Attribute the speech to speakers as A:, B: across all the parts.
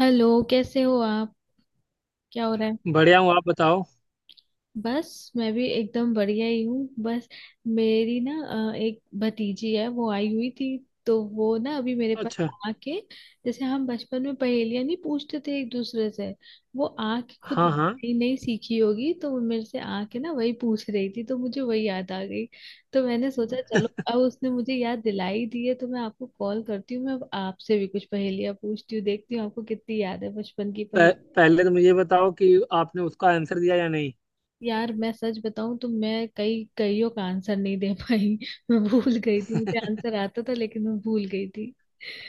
A: Hello, कैसे हो आप। क्या हो रहा है।
B: बढ़िया हूँ। आप बताओ।
A: बस मैं भी एकदम बढ़िया ही हूँ। बस मेरी ना एक भतीजी है, वो आई हुई थी। तो वो ना अभी मेरे पास
B: अच्छा।
A: आके, जैसे हम बचपन में पहेलियां नहीं पूछते थे एक दूसरे से, वो आके खुद
B: हाँ, हाँ।
A: नई नई सीखी होगी तो वो मेरे से आके ना वही पूछ रही थी, तो मुझे वही याद आ गई। तो मैंने सोचा चलो, अब उसने मुझे याद दिलाई दी है तो मैं आपको कॉल करती हूँ, मैं अब आपसे भी कुछ पहेलियां पूछती हूँ, देखती हूँ आपको कितनी याद है बचपन की।
B: पहले तो मुझे बताओ कि आपने उसका आंसर दिया या नहीं।
A: यार मैं सच बताऊं तो मैं कई कईयों का आंसर नहीं दे पाई। मैं भूल गई थी, मुझे आंसर आता था लेकिन मैं भूल गई थी।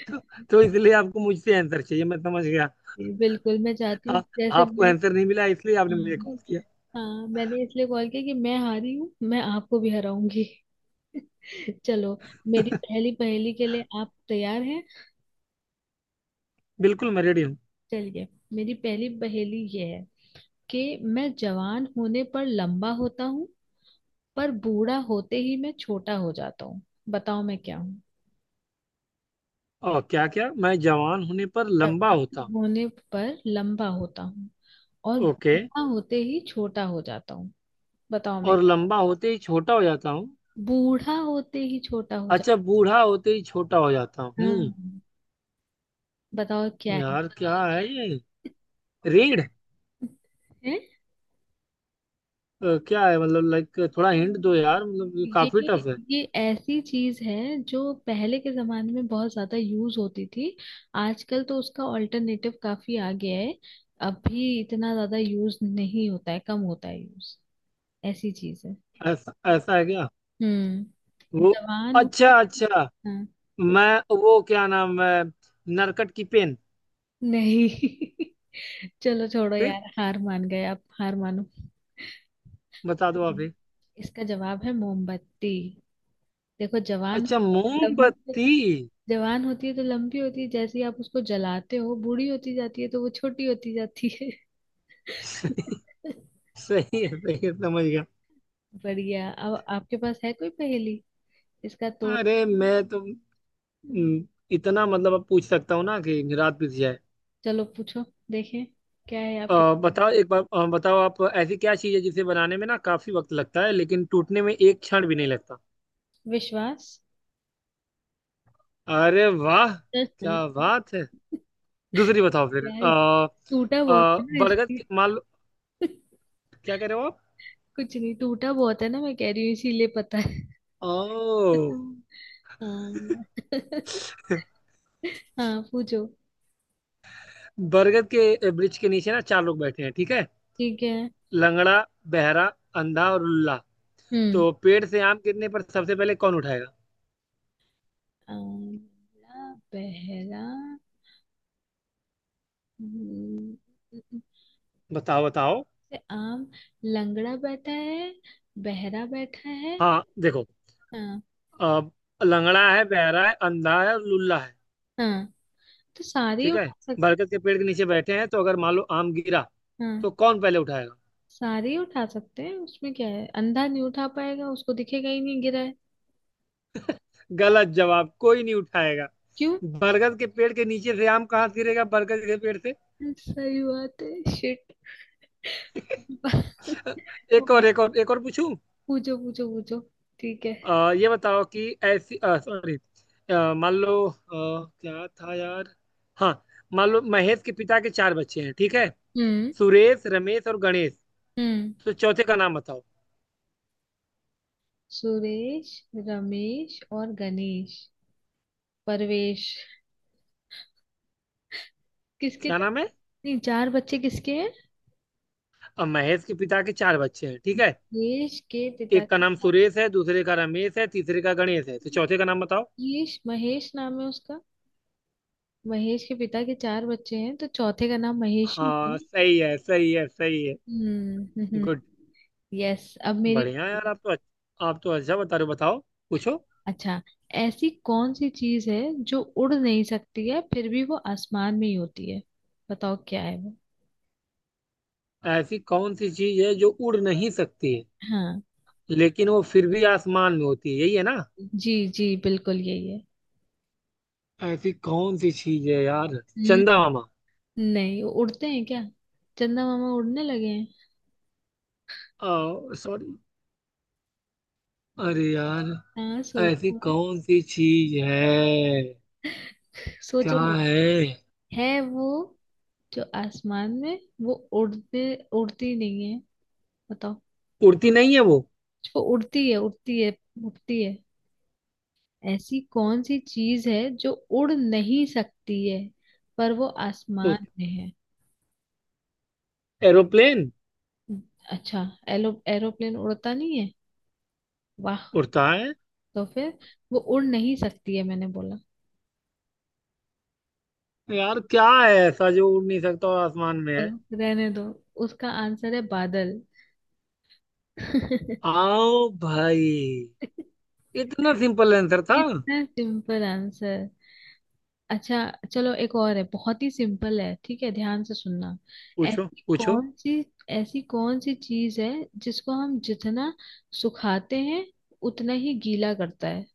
B: तो इसलिए आपको मुझसे आंसर चाहिए, मैं समझ गया।
A: जी, बिल्कुल मैं चाहती हूँ,
B: आ,
A: जैसे
B: आपको
A: मैं
B: आंसर नहीं मिला इसलिए आपने मुझे
A: हम्म,
B: कॉल किया।
A: हाँ, मैंने इसलिए कॉल किया कि मैं हारी हूँ, मैं आपको भी हराऊंगी। चलो, मेरी पहली पहेली के लिए आप तैयार हैं।
B: बिल्कुल, मैं रेडी हूँ।
A: चलिए, मेरी पहली पहेली ये है कि मैं जवान होने पर लंबा होता हूँ, पर बूढ़ा होते ही मैं छोटा हो जाता हूँ। बताओ मैं क्या हूँ।
B: और क्या, क्या मैं जवान होने पर लंबा होता
A: जवान
B: हूँ?
A: होने पर लंबा होता हूँ और
B: ओके।
A: बूढ़ा होते ही छोटा हो जाता हूँ। बताओ मैं।
B: और लंबा होते ही छोटा हो जाता हूँ?
A: बूढ़ा होते ही छोटा हो जाता
B: अच्छा, बूढ़ा होते ही छोटा हो जाता हूँ।
A: हूँ।
B: हम्म।
A: हाँ, बताओ क्या है।
B: यार क्या है ये? रीढ़,
A: हैं?
B: क्या है मतलब? लाइक थोड़ा हिंट दो यार, मतलब ये काफी
A: ये
B: टफ है।
A: ये ऐसी चीज है जो पहले के जमाने में बहुत ज्यादा यूज होती थी। आजकल तो उसका ऑल्टरनेटिव काफी आ गया है। अब भी इतना ज्यादा यूज नहीं होता है, कम होता है यूज। ऐसी चीज है।
B: ऐसा ऐसा है क्या?
A: हम्म।
B: वो,
A: जवान होते।
B: अच्छा, अच्छा।
A: हाँ।
B: मैं, वो क्या नाम है, नरकट की पेन।
A: नहीं। चलो छोड़ो
B: फिर
A: यार, हार मान गए आप, हार मानो।
B: बता दो आप ही।
A: इसका जवाब है मोमबत्ती। देखो, जवान,
B: अच्छा,
A: लंबी,
B: मोमबत्ती।
A: जवान होती है तो लंबी होती है, जैसे ही आप उसको जलाते हो बूढ़ी होती जाती है तो वो छोटी होती जाती है।
B: सही है, सही है। समझ गया।
A: बढ़िया। अब आपके पास है कोई पहेली। इसका तो,
B: अरे मैं तो हम्म, इतना, मतलब, अब पूछ सकता हूँ ना कि रात बीत जाए।
A: चलो पूछो, देखें क्या है आपके पास।
B: बताओ एक बार, बताओ आप, ऐसी क्या चीज़ है जिसे बनाने में ना काफी वक्त लगता है लेकिन टूटने में एक क्षण भी नहीं लगता?
A: विश्वास।
B: अरे वाह! क्या बात है! दूसरी बताओ फिर।
A: यार टूटा बहुत है ना, इसलिए।
B: मान लो। क्या कह रहे हो आप?
A: कुछ नहीं, टूटा बहुत है ना, मैं कह रही हूँ इसीलिए, पता है।
B: ओ।
A: हाँ। हाँ पूछो।
B: बरगद के वृक्ष के नीचे ना चार लोग बैठे हैं, ठीक है।
A: ठीक है।
B: लंगड़ा, बहरा, अंधा और लुल्ला।
A: हम्म।
B: तो पेड़ से आम गिरने पर सबसे पहले कौन उठाएगा?
A: आंवला, बहरा। हम्म,
B: बताओ, बताओ।
A: से आम। लंगड़ा बैठा है, बहरा बैठा है।
B: हाँ, देखो।
A: हाँ।
B: अब लंगड़ा है, बहरा है, अंधा है और लुल्ला है।
A: हाँ, तो सारे ही
B: ठीक है।
A: उठा सकते।
B: बरगद के पेड़ के नीचे बैठे हैं, तो अगर मान लो आम गिरा,
A: हाँ,
B: तो कौन पहले उठाएगा?
A: सारे ही उठा सकते हैं, उसमें क्या है। अंधा नहीं उठा पाएगा, उसको दिखेगा ही नहीं गिरा है।
B: गलत जवाब। कोई नहीं उठाएगा।
A: क्यों।
B: बरगद के पेड़ के नीचे से आम कहाँ से गिरेगा? बरगद के पेड़ से।
A: सही बात है, शिट।
B: एक और, एक और, एक और पूछूं?
A: पूछो पूछो पूछो। ठीक है।
B: ये बताओ कि ऐसी, सॉरी। मान लो क्या था यार? हाँ। मान लो महेश के पिता के चार बच्चे हैं, ठीक है।
A: हम्म।
B: सुरेश, रमेश और गणेश।
A: हम्म।
B: तो चौथे का नाम बताओ।
A: सुरेश, रमेश और गणेश। परवेश। किसके।
B: क्या नाम है?
A: नहीं, चार बच्चे किसके हैं।
B: महेश के पिता के चार बच्चे हैं, ठीक है।
A: महेश के पिता
B: एक का
A: के
B: नाम
A: साथ।
B: सुरेश है, दूसरे का रमेश है, तीसरे का गणेश है, तो चौथे का नाम बताओ।
A: महेश, महेश नाम है उसका। महेश के पिता के चार बच्चे हैं तो चौथे का नाम महेश ही होगा
B: हाँ,
A: ना।
B: सही है, सही है, सही है।
A: हम्म।
B: गुड।
A: यस। अब मेरी,
B: बढ़िया यार, आप तो आप तो अच्छा बता रहे हो। बताओ। पूछो।
A: अच्छा, ऐसी कौन सी चीज है जो उड़ नहीं सकती है फिर भी वो आसमान में ही होती है। बताओ क्या है वो।
B: ऐसी कौन सी चीज है जो उड़ नहीं सकती है।
A: हाँ।
B: लेकिन वो फिर भी आसमान में होती है, यही है ना?
A: जी जी बिल्कुल यही
B: ऐसी कौन सी चीज है यार?
A: है।
B: चंदा मामा?
A: नहीं उड़ते हैं क्या। चंदा मामा उड़ने लगे हैं।
B: सॉरी। अरे यार।
A: हाँ
B: ऐसी
A: सोचो।
B: कौन सी चीज है? क्या
A: सोचो।
B: है?
A: है वो, जो आसमान में, वो उड़ते, उड़ती नहीं है। बताओ।
B: उड़ती नहीं है वो
A: जो उड़ती है उड़ती है, उड़ती है। ऐसी कौन सी चीज है जो उड़ नहीं सकती है पर वो
B: तो।
A: आसमान में है।
B: एरोप्लेन।
A: अच्छा, एलो, एरोप्लेन उड़ता नहीं है। वाह।
B: उड़ता है।
A: तो फिर, वो उड़ नहीं सकती है मैंने बोला।
B: यार क्या है ऐसा जो उड़ नहीं सकता और आसमान में है?
A: तो रहने दो, उसका आंसर है बादल।
B: आओ भाई। इतना सिंपल आंसर था।
A: इतना सिंपल आंसर। अच्छा, चलो एक और है, बहुत ही सिंपल है, ठीक है, ध्यान से सुनना।
B: पूछो,
A: ऐसी
B: पूछो।
A: कौन सी ऐसी कौन सी चीज है जिसको हम जितना सुखाते हैं उतना ही गीला करता है।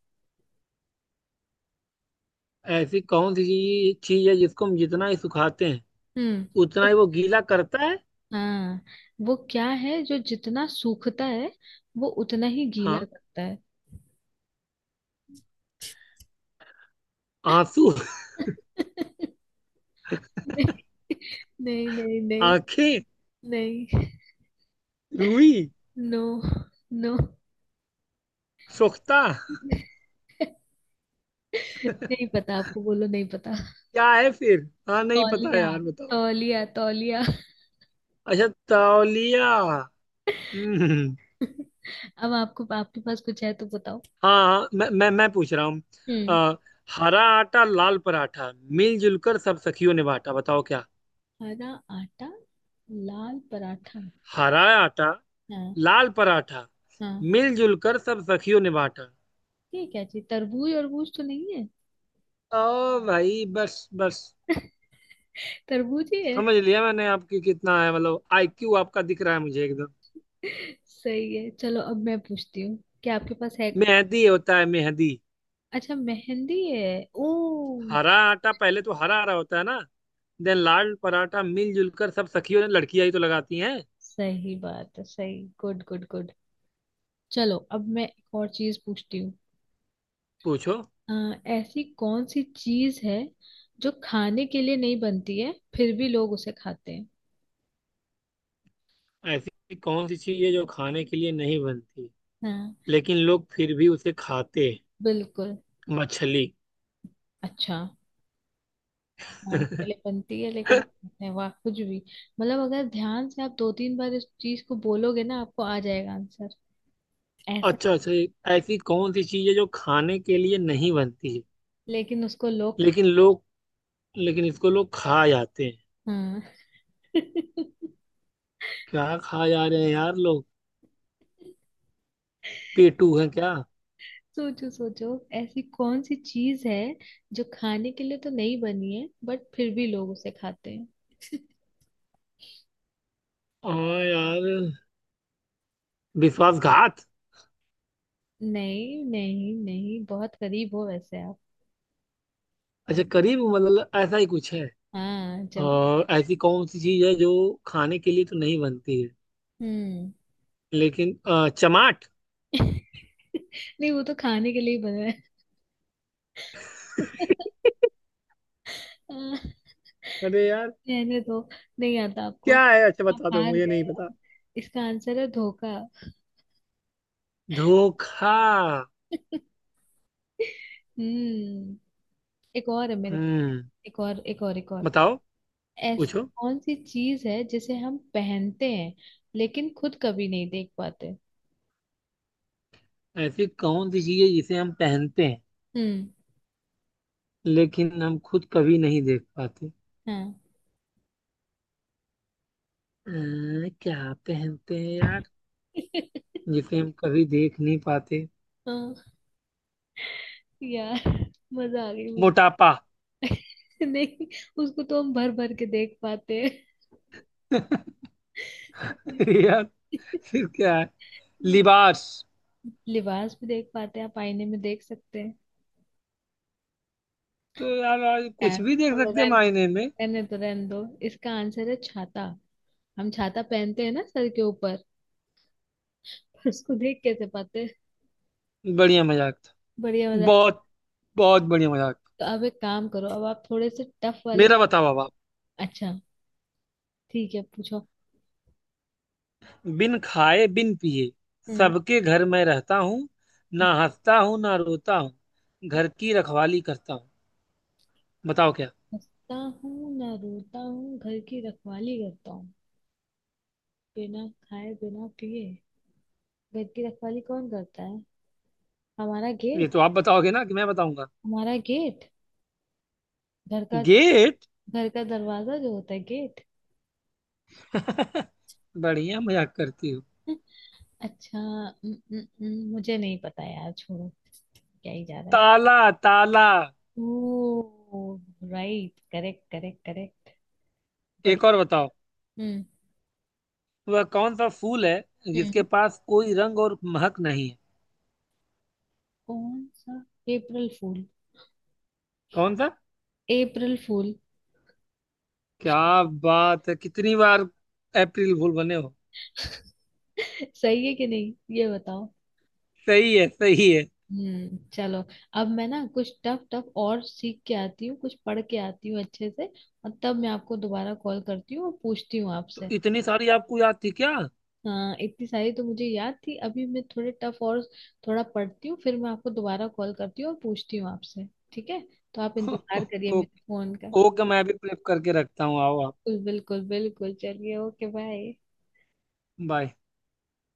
B: ऐसी कौन सी चीज चीज है जिसको हम जितना ही सुखाते हैं,
A: हम्म।
B: उतना
A: तो-
B: ही वो गीला करता है?
A: हाँ, वो क्या है जो जितना सूखता है वो उतना ही गीला
B: हाँ।
A: करता है।
B: आंसू?
A: नहीं,
B: आंखें?
A: नहीं।
B: रूई?
A: नो। नो।
B: सोखता?
A: नहीं पता आपको, बोलो नहीं पता।
B: क्या है फिर? हाँ, नहीं पता
A: तौलिया,
B: यार, बताओ।
A: तौलिया, तौलिया।
B: अच्छा, तौलिया। हम्म।
A: अब आपको, आपके पास कुछ है तो बताओ।
B: हाँ, मैं पूछ रहा हूँ।
A: हम्म।
B: अ, हरा आटा लाल पराठा, मिलजुल कर सब सखियों ने बांटा। बताओ क्या?
A: हरा आटा, लाल पराठा।
B: हरा आटा
A: हाँ।
B: लाल पराठा
A: हाँ।
B: मिलजुल कर सब सखियों ने बांटा।
A: ये क्या चीज, तरबूज अरबूज तो नहीं है।
B: ओ भाई बस, बस।
A: तरबूज ही है।
B: समझ लिया मैंने आपकी, कितना है मतलब आईक्यू आपका, दिख रहा है मुझे एकदम।
A: सही है। चलो अब मैं पूछती हूँ। क्या आपके पास है कुछ।
B: मेहदी होता है, मेहदी।
A: अच्छा मेहंदी है। ओ।
B: हरा आटा, पहले तो हरा हरा होता है ना। देन लाल पराठा मिलजुल कर सब सखियों ने, लड़कियां ही तो लगाती हैं।
A: सही बात है, सही, गुड गुड गुड। चलो अब मैं एक और चीज पूछती हूँ।
B: पूछो।
A: ऐसी कौन सी चीज है जो खाने के लिए नहीं बनती है फिर भी लोग उसे खाते हैं।
B: ऐसी कौन सी चीज है जो खाने के लिए नहीं बनती,
A: हाँ।
B: लेकिन लोग फिर भी उसे खाते हैं?
A: बिल्कुल।
B: मछली?
A: अच्छा, खाने के लिए बनती है लेकिन कहते हैं, वाह कुछ भी। मतलब अगर ध्यान से आप दो तीन बार इस चीज को बोलोगे ना, आपको आ जाएगा आंसर ऐसा।
B: अच्छा, अच्छा, ये। ऐसी कौन सी चीज है जो खाने के लिए नहीं बनती है,
A: लेकिन उसको लोग खा-।
B: लेकिन लोग, लेकिन इसको लोग खा जाते हैं।
A: हाँ।
B: क्या खा जा रहे हैं यार लोग? पेटू हैं क्या?
A: सोचो सोचो। ऐसी कौन सी चीज है जो खाने के लिए तो नहीं बनी है बट फिर भी लोग उसे खाते हैं।
B: हाँ यार, विश्वासघात?
A: नहीं नहीं नहीं बहुत करीब हो वैसे आप।
B: अच्छा,
A: ज-
B: करीब मतलब ऐसा ही कुछ है?
A: हाँ जवाब।
B: और ऐसी कौन सी चीज है जो खाने के लिए तो नहीं बनती है,
A: हम्म।
B: लेकिन चमाट।
A: नहीं, वो तो खाने के लिए ही बना है। हाँ,
B: अरे यार।
A: रहने दो, नहीं आता आपको।
B: क्या है? अच्छा
A: आप
B: बता दो,
A: हार
B: मुझे
A: गए
B: नहीं पता।
A: और, इसका आंसर है धोखा।
B: धोखा?
A: हम्म। एक और है मेरे।
B: हम्म।
A: एक और,
B: बताओ,
A: ऐसी
B: पूछो।
A: कौन सी चीज है जिसे हम पहनते हैं लेकिन खुद कभी नहीं देख पाते।
B: ऐसी कौन सी चीज है जिसे हम पहनते हैं,
A: हम्म।
B: लेकिन हम खुद कभी नहीं देख पाते?
A: हाँ।
B: क्या पहनते हैं यार, जिसे हम कभी देख नहीं पाते?
A: हाँ यार मजा आ गई मुझे।
B: मोटापा?
A: नहीं, उसको तो हम भर भर के देख पाते हैं।
B: यार! फिर क्या है? लिबास?
A: लिबास भी देख पाते हैं आप, आईने में देख सकते हैं।
B: तो यार आज
A: क्या है।
B: कुछ भी देख
A: और
B: सकते हैं
A: रहने,
B: मायने में।
A: रहने दो, इसका आंसर है छाता। हम छाता पहनते हैं ना सर के ऊपर। पर उसको देख कैसे पाते हैं?
B: बढ़िया मजाक था।
A: बढ़िया मजा।
B: बहुत बहुत बढ़िया मजाक।
A: तो अब एक काम करो, अब आप थोड़े से टफ वाले।
B: मेरा बताओ अब आप।
A: अच्छा, ठीक है पूछो।
B: बिन खाए बिन पिए
A: हम्म।
B: सबके घर में रहता हूँ। ना हंसता हूँ ना रोता हूँ, घर की रखवाली करता हूँ। बताओ क्या?
A: हंसता हूँ ना रोता हूँ, घर की रखवाली करता हूँ। बिना खाए बिना पिए घर की रखवाली कौन करता है। हमारा
B: ये
A: गेट।
B: तो आप बताओगे ना कि मैं बताऊंगा?
A: हमारा गेट, घर का,
B: गेट?
A: घर का दरवाजा जो होता है, गेट।
B: बढ़िया मजाक करती हो।
A: अच्छा न, न, न, मुझे नहीं पता यार, छोड़ो, क्या ही जा रहा है।
B: ताला, ताला।
A: Oh, right, correct correct correct बड़ी।
B: एक और बताओ।
A: हम्म
B: वह कौन सा फूल है जिसके
A: हम्म।
B: पास कोई रंग और महक नहीं है?
A: कौन सा। अप्रैल फूल।
B: कौन सा?
A: अप्रैल फूल।
B: क्या बात है! कितनी बार अप्रैल फूल बने हो?
A: सही है कि नहीं, ये बताओ।
B: सही है, सही है।
A: चलो। अब मैं ना कुछ टफ टफ और सीख के आती हूँ, कुछ पढ़ के आती हूँ अच्छे से, और तब मैं आपको दोबारा कॉल करती हूँ और पूछती हूँ
B: तो
A: आपसे।
B: इतनी सारी आपको याद थी क्या?
A: हाँ इतनी सारी तो मुझे याद थी। अभी मैं थोड़े टफ और थोड़ा पढ़ती हूँ, फिर मैं आपको दोबारा कॉल करती हूँ और पूछती हूँ आपसे। ठीक है, तो आप इंतजार करिए मेरे
B: ओके।
A: फोन का।
B: ओके, मैं भी प्रेप करके रखता हूँ। आओ आप।
A: बिल्कुल बिल्कुल बिल्कुल, चलिए ओके, बाय।
B: बाय।